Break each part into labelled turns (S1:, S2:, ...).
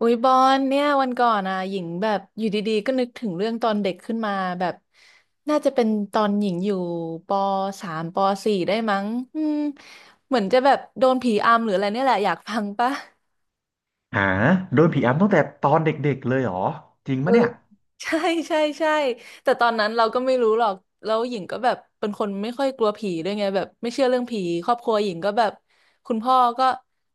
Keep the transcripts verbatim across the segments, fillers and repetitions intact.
S1: อุ๊ยบอลเนี่ยวันก่อนอ่ะหญิงแบบอยู่ดีๆก็นึกถึงเรื่องตอนเด็กขึ้นมาแบบน่าจะเป็นตอนหญิงอยู่ปสามปสี่ได้มั้งอืมเหมือนจะแบบโดนผีอำหรืออะไรเนี่ยแหละอยากฟังปะ
S2: หาโดนผีอำตั้งแต่ตอนเด็กๆเลยเหรอจริง
S1: เออ
S2: ปะเนี่ย
S1: ใช่ใช่ใช่แต่ตอนนั้นเราก็ไม่รู้หรอกแล้วหญิงก็แบบเป็นคนไม่ค่อยกลัวผีด้วยไงแบบไม่เชื่อเรื่องผีครอบครัวหญิงก็แบบคุณพ่อก็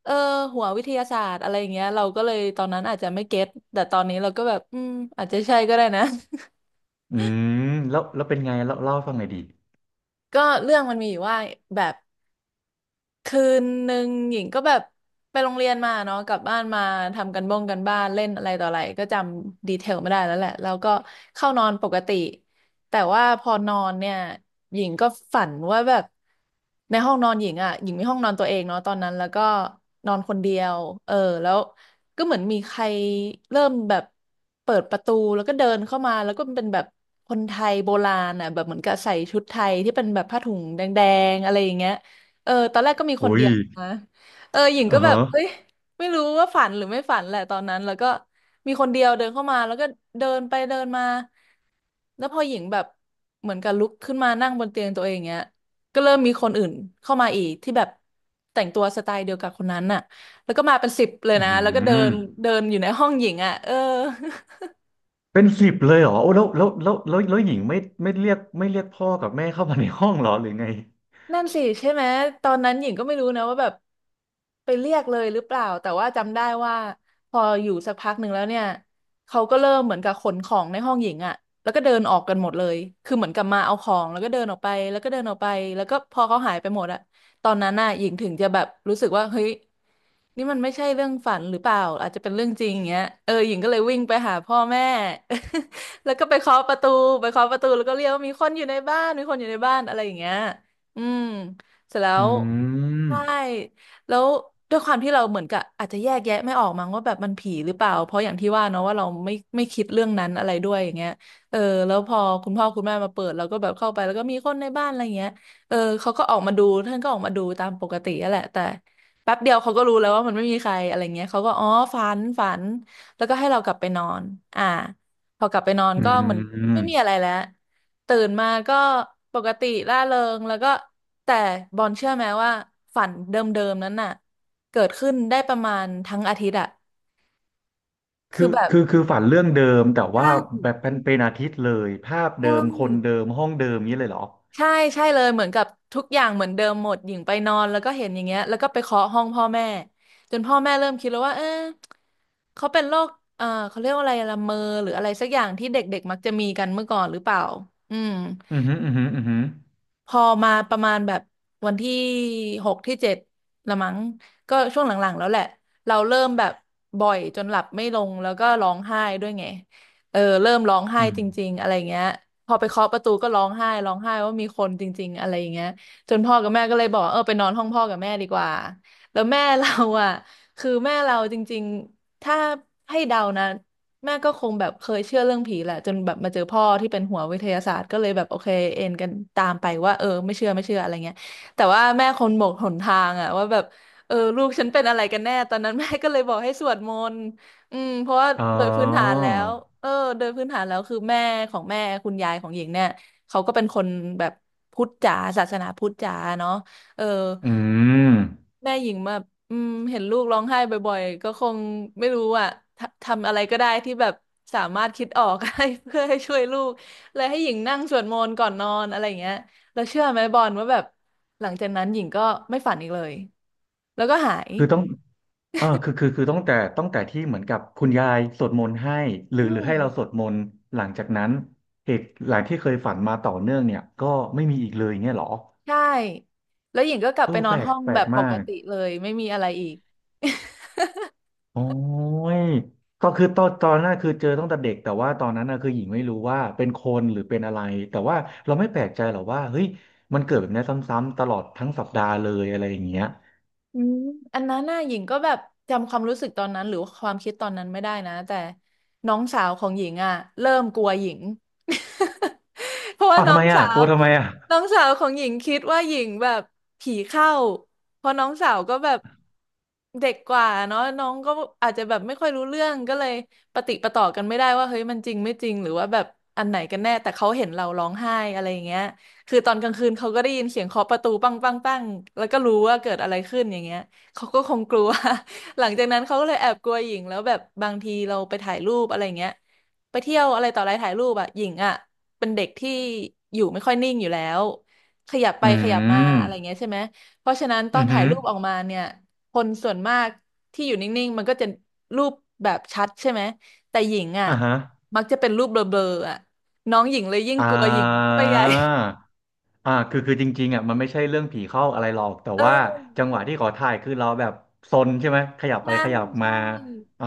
S1: เออหัววิทยาศาสตร์อะไรอย่างเงี้ยเราก็เลยตอนนั้นอาจจะไม่เก็ตแต่ตอนนี้เราก็แบบอืมอาจจะใช่ก็ได้นะ
S2: อืมแล้วแล้วเป็นไงเล่าเล่าให้ฟังหน่อยดิ
S1: ก็เรื่องมันมีอยู่ว่าแบบ คืนหนึ่งหญิงก็แบบไปโรงเรียนมาเนาะกลับบ้านมาทำกันบ้งกันบ้านเล่นอะไรต่ออะไรก็จำดีเทลไม่ได้แล้วแหละแล้วก็เข้านอนปกติแต่ว่าพอนอนเนี่ยหญิงก็ฝันว่าแบบในห้องนอนหญิงอ่ะหญิงมีห้องนอนตัวเองเนาะตอนนั้นแล้วก็นอนคนเดียวเออแล้วก็เหมือนมีใครเริ่มแบบเปิดประตูแล้วก็เดินเข้ามาแล้วก็เป็นแบบคนไทยโบราณอ่ะแบบเหมือนกับใส่ชุดไทยที่เป็นแบบผ้าถุงแดงๆอะไรอย่างเงี้ย เออ ตอนแรกก็มีคน
S2: โอ้
S1: เดี
S2: ย
S1: ยวนะเออหญิง
S2: อ่า
S1: ก็แบ
S2: ฮะ
S1: บเฮ้ยไม่รู้ว่าฝันหรือไม่ฝันแหละตอนนั้นแล้วก็มีคนเดียวเดินเข้ามาแล้วก็เดินไปเดินมาแล้วพอหญิงแบบเหมือนกับลุกขึ้นมานั่งบนเตียงตัวเองเงี้ยก็เริ่มมีคนอื่นเข้ามาอีกที่แบบแต่งตัวสไตล์เดียวกับคนนั้นน่ะแล้วก็มาเป็นสิบเลย
S2: อื
S1: นะแล้วก็เดิน
S2: ม
S1: เดินอยู่ในห้องหญิงอ่ะเออ
S2: เป็นสิบเลยเหรอโอ้แล้วแล้วแล้วแล้วแล้วหญิงไม่ไม่เรียกไม่เรียกพ่อกับแม่เข้ามาในห้องเหรอหรือไง
S1: นั่นสิใช่ไหมตอนนั้นหญิงก็ไม่รู้นะว่าแบบไปเรียกเลยหรือเปล่าแต่ว่าจำได้ว่าพออยู่สักพักหนึ่งแล้วเนี่ยเขาก็เริ่มเหมือนกับขนของในห้องหญิงอะแล้วก็เดินออกกันหมดเลยคือเหมือนกับมาเอาของแล้วก็เดินออกไปแล้วก็เดินออกไปแล้วก็พอเขาหายไปหมดอะตอนนั้นน่ะหญิงถึงจะแบบรู้สึกว่าเฮ้ยนี่มันไม่ใช่เรื่องฝันหรือเปล่าอาจจะเป็นเรื่องจริงอย่างเงี้ยเออหญิงก็เลยวิ่งไปหาพ่อแม่ แล้วก็ไปเคาะประตูไปเคาะประตูแล้วก็เรียกว่ามีคนอยู่ในบ้านมีคนอยู่ในบ้านอะไรอย่างเงี้ย อืมเสร็จแล้
S2: อื
S1: ว
S2: ม
S1: ใช่แล้วด้วยความที่เราเหมือนกับอาจจะแยกแยะไม่ออกมั้งว่าแบบมันผีหรือเปล่าเพราะอย่างที่ว่าเนาะว่าเราไม่ไม่คิดเรื่องนั้นอะไรด้วยอย่างเงี้ยเออแล้วพอคุณพ่อคุณแม่มาเปิดเราก็แบบเข้าไปแล้วก็มีคนในบ้านอะไรเงี้ยเออเขาก็ออกมาดูท่านก็ออกมาดูตามปกตินั่นแหละแต่แป๊บเดียวเขาก็รู้แล้วว่ามันไม่มีใครอะไรเงี้ยเขาก็อ๋อฝันฝันแล้วก็ให้เรากลับไปนอนอ่าพอกลับไปนอน
S2: อื
S1: ก็เหมือนไม่มีอะไร
S2: ม
S1: แล้ว ตื่นมาก็ปกติร่าเริงแล้วก็แต่บอลเชื่อไหมว่าฝันเดิมๆนั้นน่ะเกิดขึ้นได้ประมาณทั้งอาทิตย์อะคื
S2: คือ
S1: อแบบ
S2: คือคือฝันเรื่องเดิมแต่
S1: ใช่
S2: ว่าแบบเป็นเป็นอาทิตย์เลยภาพ
S1: ใช
S2: เดิมคนเดิ
S1: ่
S2: มห้องเดิมนี้เลยเหรอ
S1: ใช่ใช่เลยเหมือนกับทุกอย่างเหมือนเดิมหมดหญิงไปนอนแล้วก็เห็นอย่างเงี้ยแล้วก็ไปเคาะห้องพ่อแม่จนพ่อแม่เริ่มคิดแล้วว่าเออเขาเป็นโรคเออเขาเรียกว่าอะไรละเมอหรืออะไรสักอย่างที่เด็กๆมักจะมีกันเมื่อก่อนหรือเปล่าอืม
S2: อืมออือหืมออือหื
S1: พอมาประมาณแบบวันที่หกที่เจ็ดละมั้งก็ช่วงหลังๆแล้วแหละเราเริ่มแบบบ่อยจนหลับไม่ลงแล้วก็ร้องไห้ด้วยไงเออเริ่มร้องไห้
S2: ออืม
S1: จริงๆอะไรเงี้ยพอไปเคาะประตูก็ร้องไห้ร้องไห้ว่ามีคนจริงๆอะไรอย่างเงี้ยจนพ่อกับแม่ก็เลยบอกเออไปนอนห้องพ่อกับแม่ดีกว่าแล้วแม่เราอ่ะคือแม่เราจริงๆถ้าให้เดานะ แม่ก็คงแบบเคยเชื่อเรื่องผีแหละจนแบบมาเจอพ่อที่เป็นหัววิทยาศาสตร์ก็เลยแบบโอเคเอ็นกันตามไปว่าเออไม่เชื่อไม่เชื่ออะไรเงี้ยแต่ว่าแม่คงหมกหนทางอะว่าแบบเออลูกฉันเป็นอะไรกันแน่ตอนนั้น แม่ก็เลยบอกให้สวดมนต์อืมเพราะว่า
S2: อ๋อ
S1: โดยพื้นฐานแล้วเออโดยพื้นฐานแล้วคือแม่ของแม่คุณยายของหญิงเนี่ยเขาก็เป็นคนแบบพุทธจ๋าศาสนาพุทธจ๋าเนาะเออ
S2: อืม
S1: แม่หญิงแบบอืมเห็นลูกร้องไห้บ่อยๆก็คงไม่รู้อ่ะทำทำอะไรก็ได้ที่แบบสามารถคิดออก ให้ เพื่อให้ช่วยลูกเลยให้หญิงนั่งสวดมนต์ก่อนนอนอะไรอย่างเงี้ยแล้วเชื่อไหมบอลว่าแบบหลังจากนั้นหญิงก็ไม่ฝันอีกเลยแล้วก็หาย
S2: คือต้อง เออคือคือคือตั้งแต่ตั้งแต่ที่เหมือนกับคุณยายสวดมนต์ให้หรือ
S1: อื
S2: หรือ
S1: ม
S2: ให้เราสวดมนต์หลังจากนั้นเหตุหลังที่เคยฝันมาต่อเนื่องเนี่ยก็ไม่มีอีกเลยเงี้ยเหรอ
S1: ใช่แล้วหญิงก็กลับ
S2: เออ
S1: ไปนอ
S2: แป
S1: น
S2: ลก
S1: ห้อง
S2: แปล
S1: แบ
S2: ก
S1: บป
S2: มา
S1: ก
S2: ก
S1: ติเลยไม่มีอะไรอีก
S2: โอ้ยก็คือตอนตอนนั้นคือเจอตั้งแต่เด็กแต่ว่าตอนนั้นนะคือหญิงไม่รู้ว่าเป็นคนหรือเป็นอะไรแต่ว่าเราไม่แปลกใจหรอกว่าเฮ้ยมันเกิดแบบเนี้ยซ้ำๆตลอดทั้งสัปดาห์เลยอะไรอย่างเงี้ย
S1: อืมอันนั้นน่ะหญิงก็แบบจำความรู้สึกตอนนั้นหรือว่าความคิดตอนนั้นไม่ได้นะแต่น้องสาวของหญิงอ่ะเริ่มกลัวหญิง เพราะว่า
S2: อ้าว
S1: น้
S2: ทำ
S1: อ
S2: ไม
S1: ง
S2: อ่ะ
S1: สา
S2: ก
S1: ว
S2: ลัวทำไมอ่ะ
S1: น้องสาวของหญิงคิดว่าหญิงแบบผีเข้าเพราะน้องสาวก็แบบเด็กกว่าเนาะน้องก็อาจจะแบบไม่ค่อยรู้เรื่องก็เลยปะติดปะต่อกันไม่ได้ว่าเฮ้ยมันจริงไม่จริงหรือว่าแบบอันไหนกันแน่แต่เขาเห็นเราร้องไห้อะไรอย่างเงี้ย คือตอนกลางคืนเขาก็ได้ยินเสียงเคาะประตูปังปังปังแล้วก็รู้ว่าเกิดอะไรขึ้นอย่างเงี้ยเขาก็คงกลัว หลังจากนั้นเขาก็เลยแอบกลัวหญิงแล้วแบบบางทีเราไปถ่ายรูปอะไรเงี้ย ไปเที่ยวอะไรต่ออะไรถ่ายรูปอะหญิงอะเป็นเด็กที่อยู่ไม่ค่อยนิ่งอยู่แล้วขยับไป
S2: อื
S1: ขยับมา
S2: ม
S1: อะไรเงี้ยใช่ไหมเพราะฉะนั้นต
S2: อื
S1: อน
S2: อ
S1: ถ่า
S2: หื
S1: ย
S2: อ
S1: รูปออกมาเนี่ยคนส่วนมากที่อยู่นิ่งๆมันก็จะรูปแบบชัดใช่ไหมแต่หญิงอะ
S2: อ่าฮะ
S1: มักจะเป็นรูปเบลอๆอะน้องหญิงเลยยิ่ง
S2: อ่
S1: กลัวหญิงเข้าไป
S2: า
S1: ใหญ่
S2: อ่าคือคือจริงๆอ่ะมันไม่ใช่เรื่องผีเข้าอะไรหรอกแต่
S1: เอ
S2: ว่า
S1: อ
S2: จังหวะที่ขอถ่ายคือเราแบบซนใช่ไหมขยับไป
S1: ใช่
S2: ขยับมา
S1: ใช่
S2: อ่า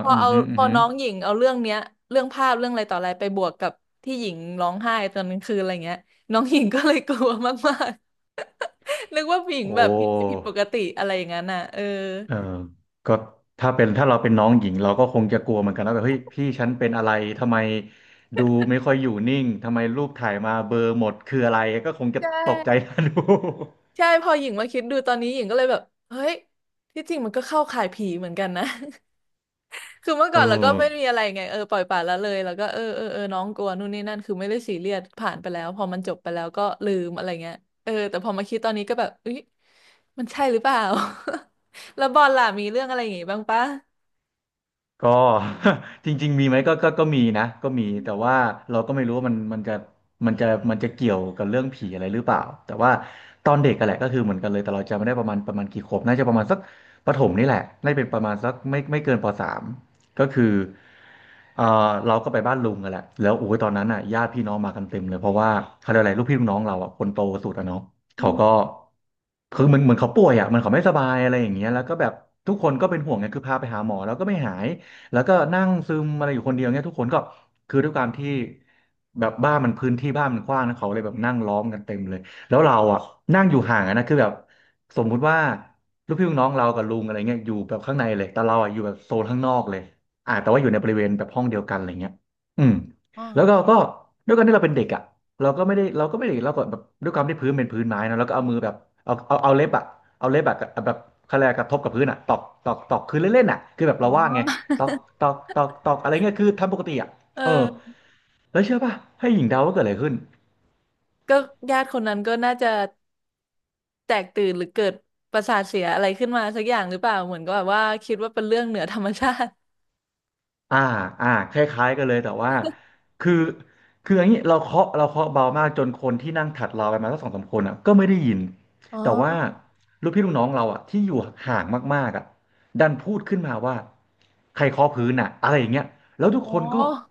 S1: พอ
S2: อือ
S1: เอา
S2: หืออื
S1: พ
S2: อ
S1: อ
S2: หือ
S1: น้องหญิงเอาเรื่องเนี้ยเรื่องภาพเรื่องอะไรต่ออะไรไปบวกกับที่หญิงร้องไห้ตอนกลางคืนอะไรเงี้ยน้องหญิงก็เลยกลัวมากๆ นึกว่าหญิง
S2: โอ
S1: แบบมีอะไรผิดป
S2: ้
S1: กติอะไรอย่างนั้นน่ะเออ
S2: เออก็ถ้าเป็นถ้าเราเป็นน้องหญิงเราก็คงจะกลัวเหมือนกันแล้วแบบเฮ้ยพี่ฉันเป็นอะไรทำไมดูไม่ค่อยอยู่นิ่งทำไมรูปถ่ายมาเบลอหมดคืออะไรก็คงจะ
S1: ใช
S2: ตกใจ
S1: ่
S2: นะดู
S1: ใช่พอหญิงมาคิดดูตอนนี้หญิงก็เลยแบบเฮ้ยที่จริงมันก็เข้าข่ายผีเหมือนกันนะ คือเมื่อ
S2: เอ
S1: ก่อนเราก็ไม่มี
S2: อ
S1: อะไรไงเออปล่อยปละละเลยแล้วก็เออเออเออน้องกลัวนู่นนี่นั่นคือไม่ได้ซีเรียสผ่านไปแล้วพอมันจบไปแล้วก็ลืมอะไรเงี้ยเออแต่พอมาคิดตอนนี้ก็แบบอุ๊ยมันใช่หรือเปล่า แล้วบอลล่ะมีเรื่องอะไรอย่างงี้บ้างปะ
S2: ก็ จริงๆมีไหมก็ก็ก็มีนะก็มีแต่ว่าเราก็ไม่รู้ว่ามันมันจะมันจะมันจะเกี่ยวกับเรื่องผีอะไรหรือเปล่าแต่ว่าตอนเด็กกันแหละก็คือเหมือนกันเลยแต่เราจำไม่ได้ประมาณประมาณกี่ขวบน่าจะประมาณสักประถมนี่แหละน่าจะเป็นประมาณสักไม่ไม่เกินป สามก็คือเออเราก็ไปบ้านลุงกันแหละแล้วโอ้ยตอนนั้นอ่ะญาติพี่น้องมากันเต็มเลยเพราะว่าเขาเรียกอะไรลูกพี่ลูกน้องเราอ่ะคนโตสุดอ่ะเนาะ
S1: อื
S2: เขาก็
S1: ม
S2: คือเหมือนเหมือนเขาป่วยอ่ะเหมันเขาไม่สบายอะไรอย่างเงี้ยแล้วก็แบบทุกคนก็เป็นห่วงไงคือพาไปหาหมอแล้วก็ไม่หาย แล้วก็นั่งซึมอะไรอยู่คนเดียวเงี้ยทุกคนก็คือด้วยความที่แบบบ้านมันพื้นที่บ้านมันกว้างนะเขาเลยแบบนั่งล้อมกันเต็มเลยแล้วเราอ่ะนั่งอยู่ห่างอะนะคือแบบสมมุติว่าลูกพี่ลูกน้องเรากับลุงอะไรเงี้ยอยู่แบบข้างในเลยแต่เราอ่ะอยู่แบบโซนข้างนอกเลยอ่าแต่ว่าอยู่ในบริเวณแบบห้องเดียวกันอะไรเงี้ยอืม
S1: อ๋อ
S2: แล้วก็ก็ด้วยการที่เราเป็นเด็กอ่ะเราก็ไม่ได้เราก็ไม่ได้เราก็แบบด้วยความที่พื้นเป็นพื้นไม้นะแล้วก็เอามือแบบเอาเอาเอาเล็บอ่ะเอาเล็บแบบแบบคลากระทบกับพื้นอ่ะตอกตอกตอกคือเล่นๆอ่ะคือแบบเราว่างไง ตอกตอก ตอก ตอก อะไรเงี้ยคือทำปกติอ่ะ
S1: เอ
S2: เออ
S1: อ
S2: แล้วเชื่อป่ะ ให้หญิงเดาว่าเกิดอะไรขึ้น
S1: ก็ญาติคนนั้นก็น่าจะแตกตื่นหรือเกิดประสาทเสียอะไรขึ้นมาสักอย่างหรือเปล่าเหมือนก็แบบว่าคิดว่าเป็นเรื่องเหนือธรรมชาติ
S2: อ่าอ่าคล้ายๆกันเลยแต่ว่าคือคืออย่างนี้เราเคาะเราเคาะเบามากจนคนที่นั่งถัดเราไปมาสักสองสามคนอ่ะก็ไม่ได้ยิน
S1: อ๋อ
S2: แต่ว่าลูกพี่ลูกน้องเราอ่ะที่อยู่ห่างมากๆอ่ะดันพูดขึ้นมาว่าใครเคาะพื้นอ่ะอะไรอย่างเงี้ยแล้ว
S1: โ
S2: ทุกคนก็
S1: ห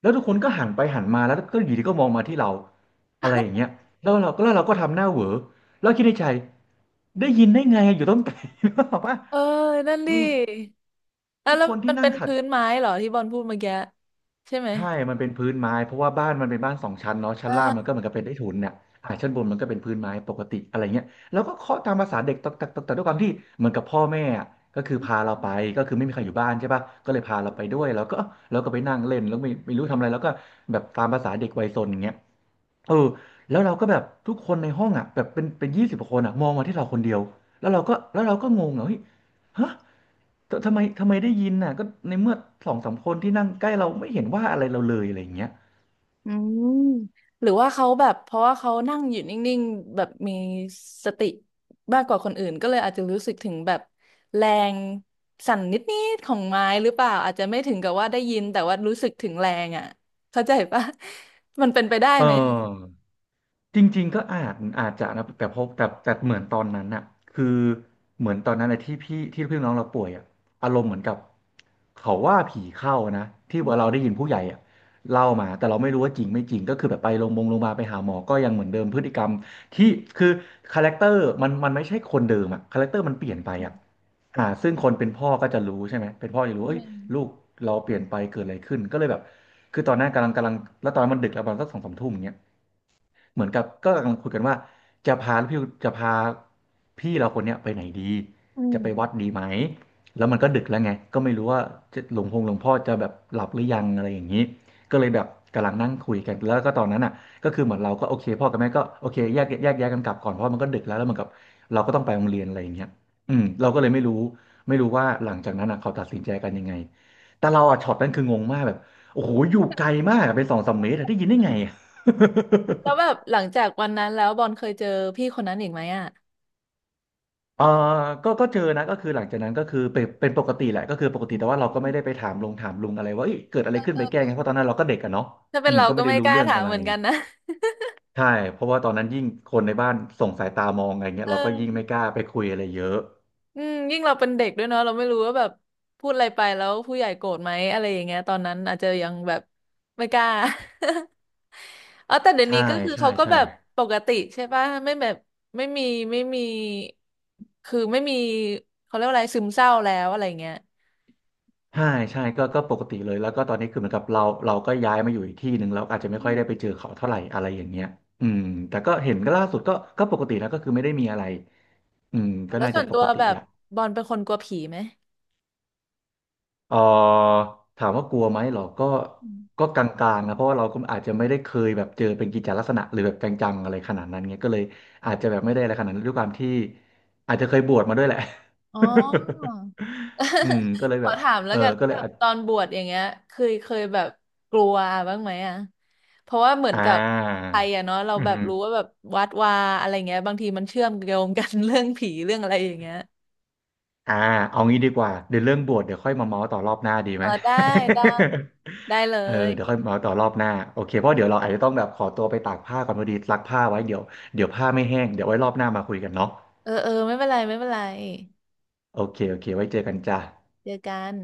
S2: แล้วทุกคนก็หันไปหันมาแล้วก็อยู่ดีก็มองมาที่เราอะไรอย่างเงี้ยแล้วเราก็แล้วเราก็ทำหน้าเหวอแล้วคิดในใจได้ยินได้ไงอยู่ต้นไก ลหรือเปล่าว่า
S1: เออนั่น
S2: เอ
S1: ดิ
S2: อ
S1: อ่ะ
S2: คือ
S1: แล้ว
S2: คน
S1: มั
S2: ที่
S1: น
S2: นั่
S1: เป็
S2: ง
S1: น
S2: ถัด
S1: พื้นไม้เหรอที่บอลพูดเมื่อกี้ใช่ไหม
S2: ใช่มันเป็นพื้นไม้เพราะว่าบ้านมันเป็นบ้านสองชั้นเนาะชั้นล่างมันก็
S1: อ่า
S2: เหมือนกับเป็นใต้ถุนเนี่ยอ่าชั้นบนมันก็เป็นพื้นไม้ปกติอะไรเงี้ยแล้วก็เคาะตามภาษาเด็กตอกตักตอกตักด้วยความที่เหมือนกับพ่อแม่อะก็คือพาเราไปก็คือไม่มีใครอยู่บ้านใช่ปะก็เลยพาเราไปด้วยแล้วก็เราก็ไปนั่งเล่นแล้วไม่ไม่รู้ทำอะไรแล้วก็แบบตามภาษาเด็กวัยซนอย่างเงี้ยเออแล้วเราก็แบบทุกคนในห้องอ่ะแบบเป็นเป็นยี่สิบคนอ่ะมองมาที่เราคนเดียวแล้วเราก็แล้วเราก็งงอ่ะเฮ้ยฮะ แต่ทำไมทำไมได้ยินน่ะก็ในเมื่อสองสามคนที่นั่งใกล้เราไม่เห็นว่าอะไรเราเลยอะไรอย่างเงี้ย
S1: อืมหรือว่าเขาแบบเพราะว่าเขานั่งอยู่นิ่งๆแบบมีสติมากกว่าคนอื่นก็เลยอาจจะรู้สึกถึงแบบแรงสั่นนิดๆของไม้หรือเปล่าอาจจะไม่ถึงกับว่าได้ยินแต่ว่ารู้สึกถึงแรงอ่ะเข้าใจปะ มันเป็นไปได้
S2: เอ
S1: ไหมอะ
S2: อจริงๆก็อาจอาจจะนะแต่พบแต่แต่เหมือนตอนนั้นน่ะคือเหมือนตอนนั้นนะที่พี่ที่พี่น้องเราป่วยอ่ะอารมณ์เหมือนกับเขาว่าผีเข้านะที่เราได้ยินผู้ใหญ่อ่ะเล่ามาแต่เราไม่รู้ว่าจริงไม่จริงก็คือแบบไปโรงพยาบาลโรงพยาบาลไปหาหมอก็ยังเหมือนเดิมพฤติกรรมที่คือคาแรคเตอร์มันมันไม่ใช่คนเดิมอ่ะคาแรคเตอร์มันเปลี่ยนไปอ่ะ อ่าซึ่งคนเป็นพ่อก็จะรู้ใช่ไหม เป็นพ่อจะรู้
S1: อื
S2: เอ้ยลูก
S1: ม
S2: เราเปลี่ยนไปเกิดอะไรขึ้น ก็เลยแบบ คือตอนนั้นกำลังกำลัง แล้วตอนนั้นมันดึกแล้วประมาณสักสองสามทุ่มอย่างเงี้ย เหมือนกับก็กำลังคุยกันว่าจะพาพี่จะพาพี่เราคนเนี้ยไปไหนดี
S1: อื
S2: จะ
S1: ม
S2: ไปวัดดีไหมแล้วมันก็ดึกแล้วไงก็ไม่รู้ว่าจะหลวงพงหลวงพ่อจะแบบหลับหรือยังอะไรอย่างนี้ก็เลยแบบกำลังนั่งคุยกันแล้วก็ตอนนั้นอ่ะก็คือเหมือนเราก็โอเคพ่อกับแม่ก็โอเคแยกแยกย้ายกันกลับก่อนเพราะมันก็ดึกแล้วแล้วเหมือนกับเราก็ต้องไปโรงเรียนอะไรอย่างเงี้ยอืมเราก็เลยไม่รู้ไม่รู้ว่าหลังจากนั้นอ่ะเขาตัดสินใจกันยังไงแต่เราอ่ะช็อตนั้นคืองงมากแบบโอ้โหอยู่ไกลมากอะเป็นสองสามเมตรอะได้ยินได้ไงอะ
S1: แล้ว แบบหลังจากวันนั้นแล้วบอลเคยเจอพี่คนนั้นอีกไหมอ่ะ
S2: เออก็ก็เจอนะก็คือหลังจากนั้นก็คือเป็นเป็นปกติแหละก็คือปกติแต่ว่าเราก็ไม่ได้ไปถามลงถามลุงอะไรว่าเอ้ยเกิดอะไรขึ้นไปแก้ไงเพราะตอนนั้นเราก็เด็กอะเนาะ
S1: ถ้าเป็
S2: อื
S1: น
S2: ม
S1: เรา
S2: ก็
S1: ก็
S2: ไม่ได้
S1: ไม่
S2: รู้
S1: กล้า
S2: เรื่อง
S1: ถา
S2: อะ
S1: ม
S2: ไร
S1: เหมือนกันนะ
S2: ใช่เพราะว่าตอนนั้นยิ่งคนในบ้านส่งสายตามองอะไรเงี้ย
S1: เอ
S2: เราก็ยิ่งไม่ก
S1: อ
S2: ล้าไปคุยอะไรเยอะ
S1: อืมยิ่งเราเป็นเด็กด้วยเนาะเราไม่รู้ว่าแบบพูดอะไรไปแล้วผู้ใหญ่โกรธไหมอะไรอย่างเงี้ยตอนนั้นอาจจะยังแบบไม่กล้า อ๋อแต่เดี๋ยว
S2: ใช่
S1: นี้ก็คือ
S2: ใช่
S1: เขาก็
S2: ใช่
S1: แบบปกติใช่ป่ะไม่แบบไม่มีไม่มีคือไม่มีเขาเรียกว่าอะไรซึมเศร้าแล้วอะไรเงี้ย
S2: ใช่ใช่ก็ก็ปกติเลยแล้วก็ตอนนี้คือเหมือนกับเราเราก็ย้ายมาอยู่อีกที่หนึ่งเราอาจจะไม่
S1: อื
S2: ค่อยได้ไป
S1: ม
S2: เจอเขาเท่าไหร่อะไรอย่างเงี้ยอืมแต่ก็เห็นก็ล่าสุดก็ก็ปกตินะก็คือไม่ได้มีอะไรอืมก็
S1: แล้ว
S2: น่า
S1: ส่
S2: จะ
S1: วน
S2: ป
S1: ตัว
S2: กติ
S1: แบ
S2: แห
S1: บ
S2: ละ
S1: บอลเป็นคนกลัวผีไหม
S2: เอ่อถามว่ากลัวไหมเหรอก็
S1: อืม
S2: ก็กลางๆนะเพราะว่าเราก็อาจจะไม่ได้เคยแบบเจอเป็นกิจจลักษณะหรือแบบจังๆอะไรขนาดนั้นเงี้ยก็เลยอาจจะแบบไม่ได้อะไรขนาดนั้นด้วยความที่อาจจะเคยบวชมาด้วยแหละ
S1: อ๋อ
S2: อืมก็ เลย
S1: ข
S2: แบ
S1: อ
S2: บ
S1: ถาม
S2: เอ
S1: แล้ว
S2: อ
S1: กัน
S2: ก็
S1: ว่า
S2: เล
S1: แบ
S2: ย
S1: บ
S2: อาจ
S1: ตอนบวชอย่างเงี้ยเคยเคยแบบกลัวบ้างไหมอ่ะเพราะว่าเหมือน
S2: อ่า
S1: กับไทยอ่ะเนาะเรา
S2: อื
S1: แบบรู้ว่า
S2: ม
S1: แบบวัดวาอะไรเงี้ยบางทีมันเชื่อมโยงกัน เรื่องผีเรื่องอะไรอย่างเงี้ย
S2: อ่าเอางี้ดีกว่าเดี๋ยวเรื่องบวชเดี๋ยวค่อยมาเมาส์ต่อรอบหน้าดี
S1: เอ
S2: ไหม
S1: อได้ได้ได้เล
S2: เออ
S1: ย
S2: เดี๋ยวค่อยมาเมาส์ต่อรอบหน้าโอเคเพราะเดี๋ยวเราอาจจะต้องแบบขอตัวไปตากผ้าก่อนพอดีซักผ้าไว้เดี๋ยวเดี๋ยวผ้าไม่แห้งเดี๋ยวไว้รอบหน้ามาคุยกันเนาะ
S1: เออเออไม่เป็นไรไม่เป็นไร
S2: โอเคโอเคไว้เจอกันจ้า
S1: เจอกัน